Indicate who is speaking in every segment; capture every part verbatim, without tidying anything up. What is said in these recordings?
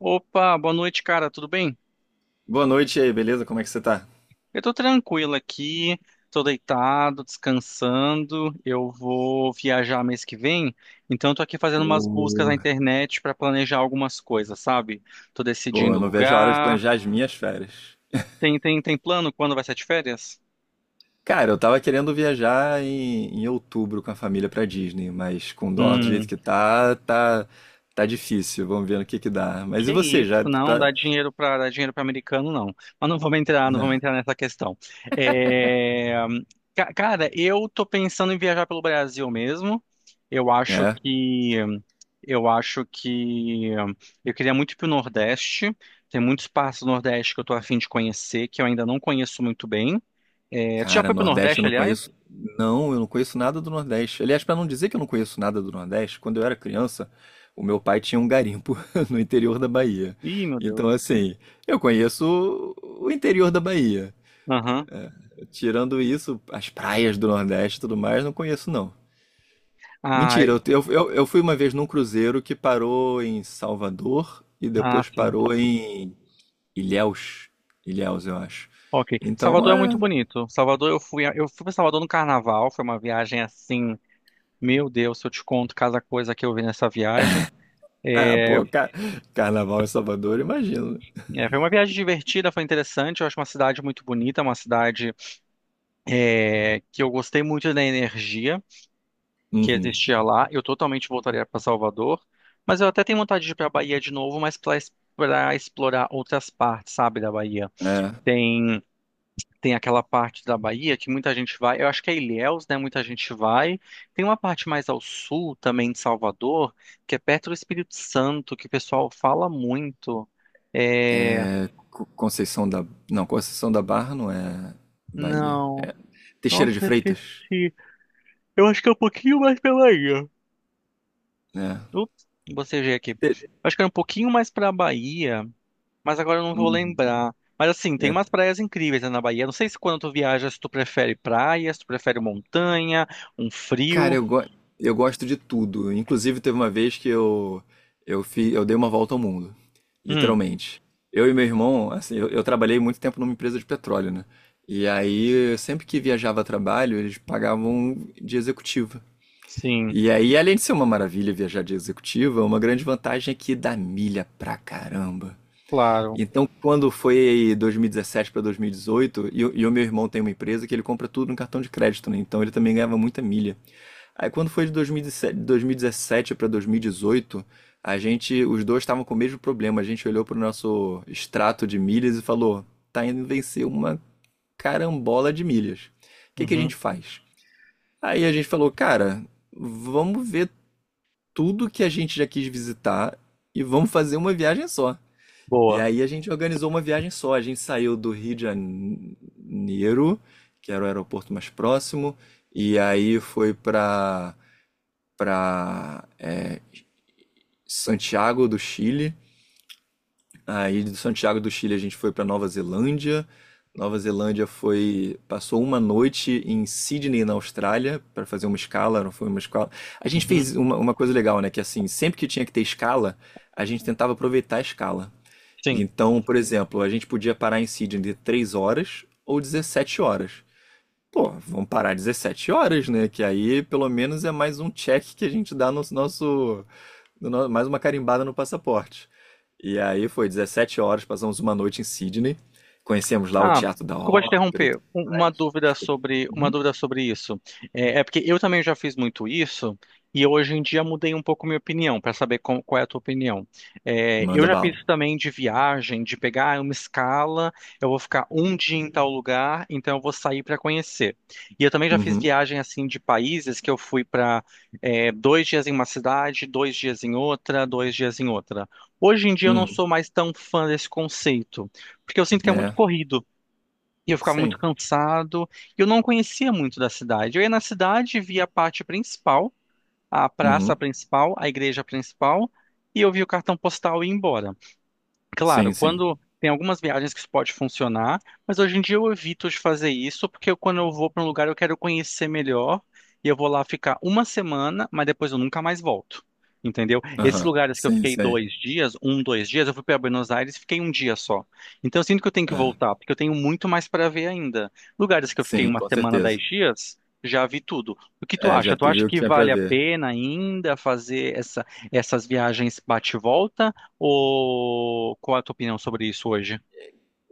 Speaker 1: Opa, boa noite, cara. Tudo bem?
Speaker 2: Boa noite e aí, beleza? Como é que você tá?
Speaker 1: Eu tô tranquilo aqui, tô deitado, descansando. Eu vou viajar mês que vem, então eu tô aqui fazendo umas buscas
Speaker 2: Ô,
Speaker 1: na internet pra planejar algumas coisas, sabe? Tô
Speaker 2: pô, eu
Speaker 1: decidindo
Speaker 2: não vejo a hora de
Speaker 1: lugar.
Speaker 2: planejar as minhas férias.
Speaker 1: Tem, tem, tem plano quando vai ser de férias?
Speaker 2: Cara, eu tava querendo viajar em, em outubro com a família pra Disney, mas com o dólar do jeito
Speaker 1: Hum.
Speaker 2: que tá, tá, tá difícil. Vamos ver no que que dá. Mas e
Speaker 1: Que
Speaker 2: você,
Speaker 1: isso,
Speaker 2: já
Speaker 1: não,
Speaker 2: tá.
Speaker 1: dá dinheiro para dar dinheiro para americano, não. Mas não vamos entrar, não vamos entrar nessa questão. É, ca- Cara, eu tô pensando em viajar pelo Brasil mesmo. Eu acho
Speaker 2: É,
Speaker 1: que eu acho que eu queria muito ir pro Nordeste. Tem muitos partes do Nordeste que eu tô a fim de conhecer, que eu ainda não conheço muito bem. É... Tu já
Speaker 2: cara,
Speaker 1: foi pro
Speaker 2: Nordeste eu
Speaker 1: Nordeste,
Speaker 2: não
Speaker 1: aliás?
Speaker 2: conheço. Não, eu não conheço nada do Nordeste. Aliás, pra não dizer que eu não conheço nada do Nordeste, quando eu era criança, o meu pai tinha um garimpo no interior da Bahia.
Speaker 1: Ih, meu Deus.
Speaker 2: Então, assim, eu conheço o interior da Bahia.
Speaker 1: Aham.
Speaker 2: Tirando isso, as praias do Nordeste e tudo mais, não conheço não.
Speaker 1: Ah,
Speaker 2: Mentira, eu, eu, eu- eu fui uma vez num cruzeiro que parou em Salvador e
Speaker 1: ah,
Speaker 2: depois
Speaker 1: sim.
Speaker 2: parou em Ilhéus. Ilhéus, eu acho.
Speaker 1: Ok.
Speaker 2: Então
Speaker 1: Salvador é muito
Speaker 2: é.
Speaker 1: bonito. Salvador, eu fui, a- eu fui para Salvador no Carnaval. Foi uma viagem assim, meu Deus, se eu te conto cada coisa que eu vi nessa viagem.
Speaker 2: Ah,
Speaker 1: É,
Speaker 2: pô, ca- carnaval em Salvador, imagino, né?
Speaker 1: é, foi uma viagem divertida, foi interessante. Eu acho uma cidade muito bonita, uma cidade é, que eu gostei muito da energia que
Speaker 2: Uhum.
Speaker 1: existia lá. Eu totalmente voltaria para Salvador, mas eu até tenho vontade de ir para a Bahia de novo, mas para explorar outras partes, sabe, da Bahia.
Speaker 2: É,
Speaker 1: Tem Tem aquela parte da Bahia que muita gente vai, eu acho que é Ilhéus, né? Muita gente vai. Tem uma parte mais ao sul também de Salvador, que é perto do Espírito Santo, que o pessoal fala muito. É...
Speaker 2: é. Co- Conceição da. Não, Conceição da Barra não é Bahia.
Speaker 1: Não.
Speaker 2: É Teixeira
Speaker 1: Nossa,
Speaker 2: de
Speaker 1: eu
Speaker 2: Freitas,
Speaker 1: esqueci. Eu acho que é um pouquinho mais pela ilha.
Speaker 2: né?
Speaker 1: Ups, bocejei aqui. Eu
Speaker 2: Te-
Speaker 1: acho que era um pouquinho mais pra Bahia, mas agora eu não vou
Speaker 2: Uhum.
Speaker 1: lembrar. Mas assim, tem
Speaker 2: É,
Speaker 1: umas praias incríveis, né, na Bahia. Não sei se quando tu viaja, se tu prefere praia, se tu prefere montanha, um
Speaker 2: cara,
Speaker 1: frio.
Speaker 2: eu, go eu gosto de tudo. Inclusive, teve uma vez que eu, eu, fi eu dei uma volta ao mundo,
Speaker 1: Hum,
Speaker 2: literalmente. Eu e meu irmão, assim, eu, eu trabalhei muito tempo numa empresa de petróleo, né? E aí, sempre que viajava a trabalho, eles pagavam de executiva.
Speaker 1: sim.
Speaker 2: E aí, além de ser uma maravilha viajar de executiva, uma grande vantagem é que dá milha pra caramba.
Speaker 1: Claro.
Speaker 2: Então, quando foi dois mil e dezessete para dois mil e dezoito, e, dezoito, e, o- e o meu irmão tem uma empresa que ele compra tudo no cartão de crédito, né? Então, ele também ganhava muita milha. Aí quando foi de dois mil e dois mil e dezessete para dois mil e dezoito, a gente, os dois estavam com o mesmo problema. A gente olhou para o nosso extrato de milhas e falou: tá indo vencer uma carambola de milhas. O que que a
Speaker 1: Uhum.
Speaker 2: gente faz? Aí a gente falou: cara, vamos ver tudo que a gente já quis visitar e vamos fazer uma viagem só. E
Speaker 1: Boa.
Speaker 2: aí a gente organizou uma viagem só. A gente saiu do Rio de Janeiro, que era o aeroporto mais próximo, e aí foi para para Santiago do Chile. Aí de Santiago do Chile a gente foi para Nova Zelândia. Nova Zelândia foi, passou uma noite em Sydney, na Austrália, para fazer uma escala, não foi uma escala. A gente
Speaker 1: Uhum.
Speaker 2: fez uma, uma coisa legal, né, que assim, sempre que tinha que ter escala, a gente tentava aproveitar a escala. E
Speaker 1: Sim.
Speaker 2: então, por exemplo, a gente podia parar em Sydney de três horas ou dezessete horas. Pô, vamos parar dezessete horas, né? Que aí pelo menos é mais um check que a gente dá no nosso, no no- mais uma carimbada no passaporte. E aí foi dezessete horas, passamos uma noite em Sydney, conhecemos lá o
Speaker 1: Ah,
Speaker 2: Teatro da
Speaker 1: desculpa te
Speaker 2: Ópera, e
Speaker 1: interromper.
Speaker 2: tudo.
Speaker 1: Um- Uma dúvida
Speaker 2: Tipo,
Speaker 1: sobre, uma
Speaker 2: uhum.
Speaker 1: dúvida sobre isso. É, é porque eu também já fiz muito isso e hoje em dia mudei um pouco minha opinião para saber com- qual é a tua opinião. É, eu
Speaker 2: Manda
Speaker 1: já fiz
Speaker 2: bala.
Speaker 1: isso também de viagem, de pegar uma escala, eu vou ficar um dia em tal lugar, então eu vou sair para conhecer. E eu também já fiz
Speaker 2: Uhum,
Speaker 1: viagem assim de países que eu fui para dois dias em uma cidade, dois dias em outra, dois dias em outra. Hoje em dia eu não
Speaker 2: uhum,
Speaker 1: sou mais tão fã desse conceito, porque eu sinto que é muito
Speaker 2: né?
Speaker 1: corrido. E eu ficava
Speaker 2: Sim,
Speaker 1: muito cansado. E eu não conhecia muito da cidade. Eu ia na cidade, via a parte principal, a praça
Speaker 2: uhum,
Speaker 1: principal, a igreja principal, e eu via o cartão postal e ia embora. Claro,
Speaker 2: sim, sim,
Speaker 1: quando tem algumas viagens que isso pode funcionar, mas hoje em dia eu evito de fazer isso, porque eu- quando eu vou para um lugar eu quero conhecer melhor e eu vou lá ficar uma semana, mas depois eu nunca mais volto. Entendeu? Esses
Speaker 2: aham,
Speaker 1: lugares que eu
Speaker 2: sim,
Speaker 1: fiquei
Speaker 2: sim,
Speaker 1: dois dias, um, dois dias, eu fui para Buenos Aires e fiquei um dia só. Então eu sinto que eu tenho que
Speaker 2: é,
Speaker 1: voltar, porque eu tenho muito mais para ver ainda. Lugares que eu fiquei
Speaker 2: sim,
Speaker 1: uma
Speaker 2: com
Speaker 1: semana,
Speaker 2: certeza.
Speaker 1: dez dias, já vi tudo. O que tu
Speaker 2: É, já
Speaker 1: acha? Tu
Speaker 2: teve
Speaker 1: acha
Speaker 2: o que
Speaker 1: que
Speaker 2: tinha pra
Speaker 1: vale a
Speaker 2: ver.
Speaker 1: pena ainda fazer essa, essas viagens bate-volta? Ou qual é a tua opinião sobre isso hoje?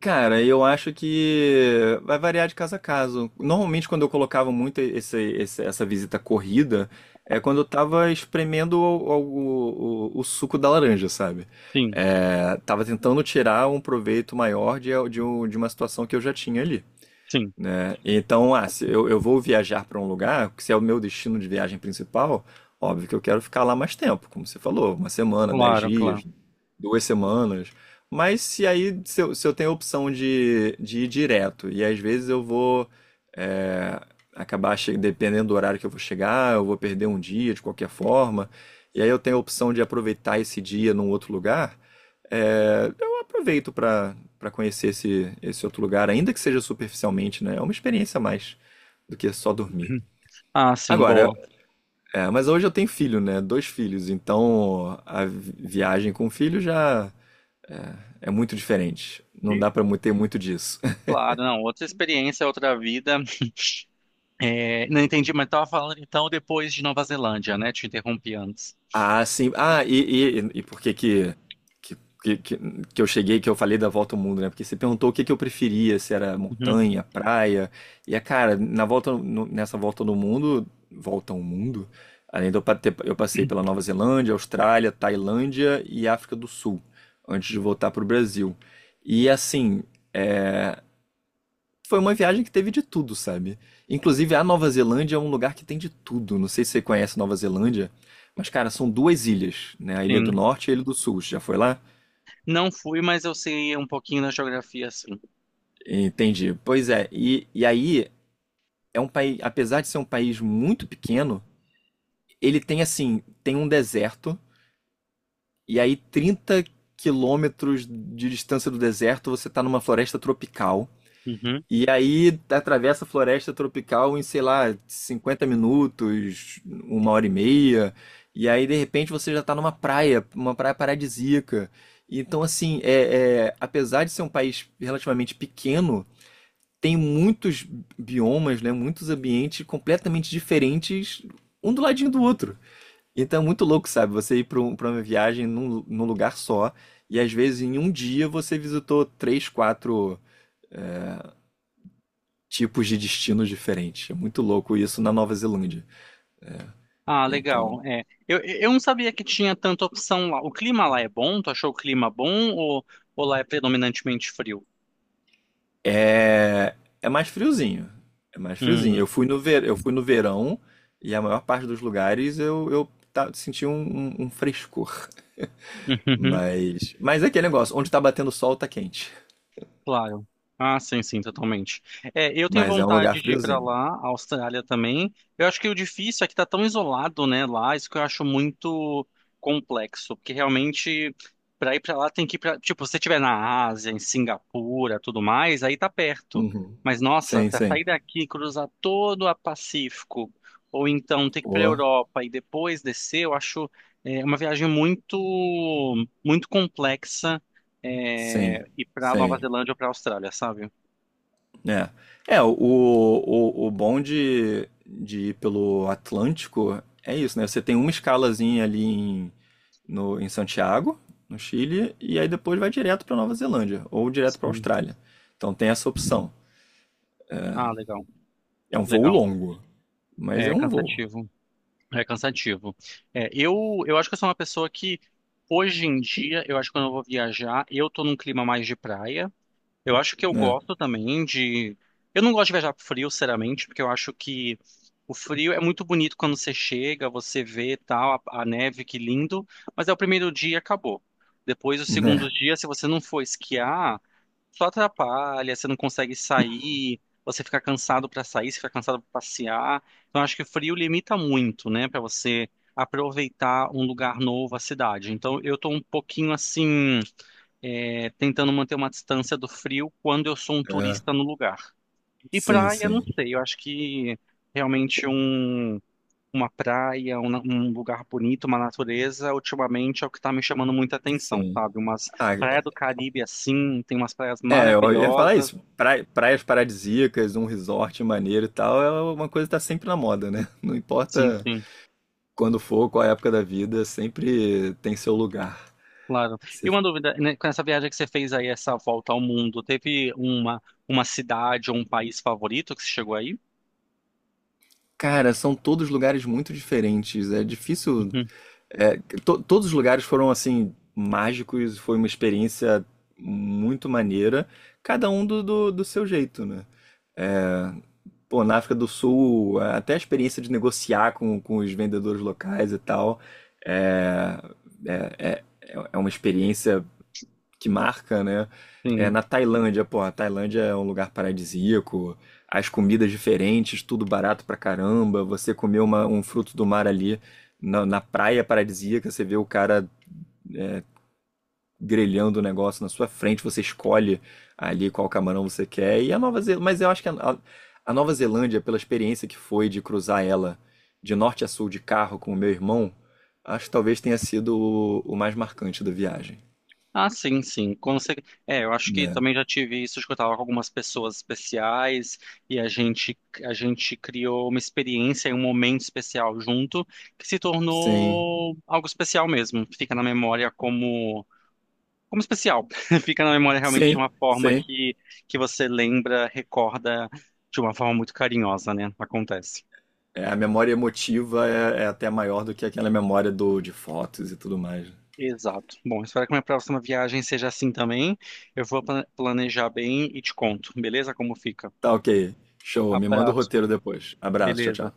Speaker 2: Cara, eu acho que vai variar de caso a caso. Normalmente, quando eu colocava muito esse- esse- essa visita corrida, é quando eu tava espremendo o, o- o- o suco da laranja, sabe?
Speaker 1: Sim,
Speaker 2: É, tava tentando tirar um proveito maior de, de um- de uma situação que eu já tinha ali,
Speaker 1: sim.
Speaker 2: né? Então, ah, se eu, eu vou viajar para um lugar, se é o meu destino de viagem principal, óbvio que eu quero ficar lá mais tempo, como você falou, uma semana, dez
Speaker 1: Claro,
Speaker 2: dias,
Speaker 1: claro.
Speaker 2: duas semanas. Mas se aí, se eu, se eu tenho a opção de, de ir direto, e às vezes eu vou é, acabar, che- dependendo do horário que eu vou chegar, eu vou perder um dia de qualquer forma, e aí eu tenho a opção de aproveitar esse dia num outro lugar, é, eu aproveito para para conhecer esse, esse outro lugar, ainda que seja superficialmente, né? É uma experiência a mais do que só dormir.
Speaker 1: Ah, sim,
Speaker 2: Agora,
Speaker 1: boa.
Speaker 2: é, mas hoje eu tenho filho, né? Dois filhos, então a vi- viagem com filho já é, é muito diferente. Não
Speaker 1: E
Speaker 2: dá para ter muito disso.
Speaker 1: claro, não, outra experiência, outra vida. É, não entendi, mas estava falando então depois de Nova Zelândia, né? Te interrompi antes.
Speaker 2: Ah, sim. Ah, e, e, e por que que, que, que, que que eu cheguei, que eu falei da volta ao mundo, né? Porque você perguntou o que que eu preferia, se era
Speaker 1: Uhum,
Speaker 2: montanha, praia. E, é, cara, na volta, no- nessa volta no mundo, volta ao mundo, além de eu pa- ter- eu passei pela Nova Zelândia, Austrália, Tailândia e África do Sul, antes de voltar para o Brasil. E, assim, é, foi uma viagem que teve de tudo, sabe? Inclusive, a Nova Zelândia é um lugar que tem de tudo. Não sei se você conhece Nova Zelândia, mas, cara, são duas ilhas, né? A Ilha do
Speaker 1: sim.
Speaker 2: Norte e a Ilha do Sul. Você já foi lá?
Speaker 1: Não fui, mas eu sei um pouquinho da geografia, sim.
Speaker 2: Entendi. Pois é, e, e aí é um país, apesar de ser um país muito pequeno, ele tem assim, tem um deserto, e aí trinta quilômetros de distância do deserto você tá numa floresta tropical.
Speaker 1: Uhum.
Speaker 2: E aí atravessa a floresta tropical em, sei lá, cinquenta minutos, uma hora e meia. E aí, de repente, você já está numa praia, uma praia paradisíaca. Então, assim, é, é, apesar de ser um país relativamente pequeno, tem muitos biomas, né? Muitos ambientes completamente diferentes, um do ladinho do outro. Então é muito louco, sabe? Você ir para uma viagem num, num lugar só, e às vezes em um dia você visitou três, quatro tipos de destinos diferentes. É muito louco isso na Nova Zelândia.
Speaker 1: Ah,
Speaker 2: Então,
Speaker 1: legal. É, eu, eu não sabia que tinha tanta opção lá. O clima lá é bom? Tu achou o clima bom ou, ou lá é predominantemente frio?
Speaker 2: é, é mais friozinho. É mais friozinho. Eu
Speaker 1: Hum.
Speaker 2: fui no, ver, eu fui no verão e a maior parte dos lugares eu, eu tá, senti um, um- um frescor. Mas, mas é aquele negócio, onde tá batendo sol tá quente.
Speaker 1: Claro. Ah, sim, sim, totalmente. É, eu tenho
Speaker 2: Mas é um lugar
Speaker 1: vontade de ir para
Speaker 2: friozinho.
Speaker 1: lá, a Austrália também. Eu acho que o difícil é que tá tão isolado, né, lá, isso que eu acho muito complexo, porque realmente para ir para lá tem que ir para, tipo, se você estiver na Ásia, em Singapura, tudo mais, aí tá perto.
Speaker 2: Uhum.
Speaker 1: Mas nossa,
Speaker 2: Sim,
Speaker 1: para
Speaker 2: sim.
Speaker 1: sair daqui, e cruzar todo o Pacífico, ou então ter que ir para
Speaker 2: Pô,
Speaker 1: Europa e depois descer, eu acho é, uma viagem muito muito complexa
Speaker 2: sim,
Speaker 1: é, ir para Nova
Speaker 2: sim.
Speaker 1: Zelândia ou para Austrália, sabe?
Speaker 2: É. É, o, o, o bom de, de ir pelo Atlântico é isso, né? Você tem uma escalazinha ali em, no, em Santiago, no Chile, e aí depois vai direto para Nova Zelândia ou direto para
Speaker 1: Sim.
Speaker 2: Austrália. Então tem essa opção.
Speaker 1: Ah, legal,
Speaker 2: É um voo
Speaker 1: legal.
Speaker 2: longo, mas é
Speaker 1: É
Speaker 2: um voo,
Speaker 1: cansativo, é cansativo. É, eu, eu acho que eu sou uma pessoa que, hoje em dia, eu acho que quando eu vou viajar, eu tô num clima mais de praia. Eu acho que eu
Speaker 2: né?
Speaker 1: gosto também de. Eu não gosto de viajar pro frio, sinceramente, porque eu acho que o frio é muito bonito quando você chega, você vê tal, a, a neve, que lindo, mas é o primeiro dia e acabou. Depois, o
Speaker 2: Né?
Speaker 1: segundo dia, se você não for esquiar. Só atrapalha, você não consegue sair, você fica cansado para sair, você fica cansado para passear. Então, acho que o frio limita muito, né, para você aproveitar um lugar novo, a cidade. Então, eu tô um pouquinho assim, é, tentando manter uma distância do frio quando eu sou um
Speaker 2: É.
Speaker 1: turista no lugar. E
Speaker 2: Sim,
Speaker 1: praia, não
Speaker 2: sim,
Speaker 1: sei, eu acho que realmente um uma praia, um, um lugar bonito, uma natureza, ultimamente é o que está me chamando muita atenção,
Speaker 2: sim.
Speaker 1: sabe? Umas
Speaker 2: Ah,
Speaker 1: praias do Caribe assim, tem umas praias
Speaker 2: é, eu ia falar
Speaker 1: maravilhosas.
Speaker 2: isso. Pra- praias paradisíacas, um resort maneiro e tal, é uma coisa que tá sempre na moda, né? Não
Speaker 1: Sim,
Speaker 2: importa
Speaker 1: sim,
Speaker 2: quando for, qual época da vida, sempre tem seu lugar.
Speaker 1: claro. E
Speaker 2: Você-
Speaker 1: uma dúvida, né, com essa viagem que você fez aí, essa volta ao mundo, teve uma, uma cidade ou um país favorito que você chegou aí?
Speaker 2: Cara, são todos lugares muito diferentes. É difícil.
Speaker 1: Uhum,
Speaker 2: é, to- Todos os lugares foram assim mágicos. Foi uma experiência muito maneira. Cada um do, do, do seu jeito, né? Pô, na África do Sul, até a experiência de negociar com, com os vendedores locais e tal, é, é, é, é uma experiência que marca, né? É
Speaker 1: sim.
Speaker 2: na Tailândia, pô, a Tailândia é um lugar paradisíaco, as comidas diferentes, tudo barato pra caramba. Você comer uma- um fruto do mar ali na, na praia paradisíaca, você vê o cara grelhando o negócio na sua frente, você escolhe ali qual camarão você quer. E a Nova Zelândia, mas eu acho que a, a- a Nova Zelândia, pela experiência que foi de cruzar ela de norte a sul de carro com o meu irmão, acho que talvez tenha sido o, o mais marcante da viagem.
Speaker 1: Ah, sim, sim. Com cer- É, eu acho que
Speaker 2: É.
Speaker 1: também já tive isso de que eu estava com algumas pessoas especiais e a gente, a gente criou uma experiência e um momento especial junto que se
Speaker 2: Sim,
Speaker 1: tornou algo especial mesmo. Fica na memória como, como especial. Fica na memória realmente de
Speaker 2: sim,
Speaker 1: uma forma
Speaker 2: sim.
Speaker 1: que, que você lembra, recorda de uma forma muito carinhosa, né? Acontece.
Speaker 2: É, a memória emotiva é, é até maior do que aquela memória do, de fotos e tudo mais.
Speaker 1: Exato. Bom, espero que minha próxima viagem seja assim também. Eu vou pla- planejar bem e te conto, beleza? Como fica.
Speaker 2: Tá, ok. Show. Me manda o
Speaker 1: Abraço.
Speaker 2: roteiro depois. Abraço. Tchau,
Speaker 1: Beleza.
Speaker 2: tchau.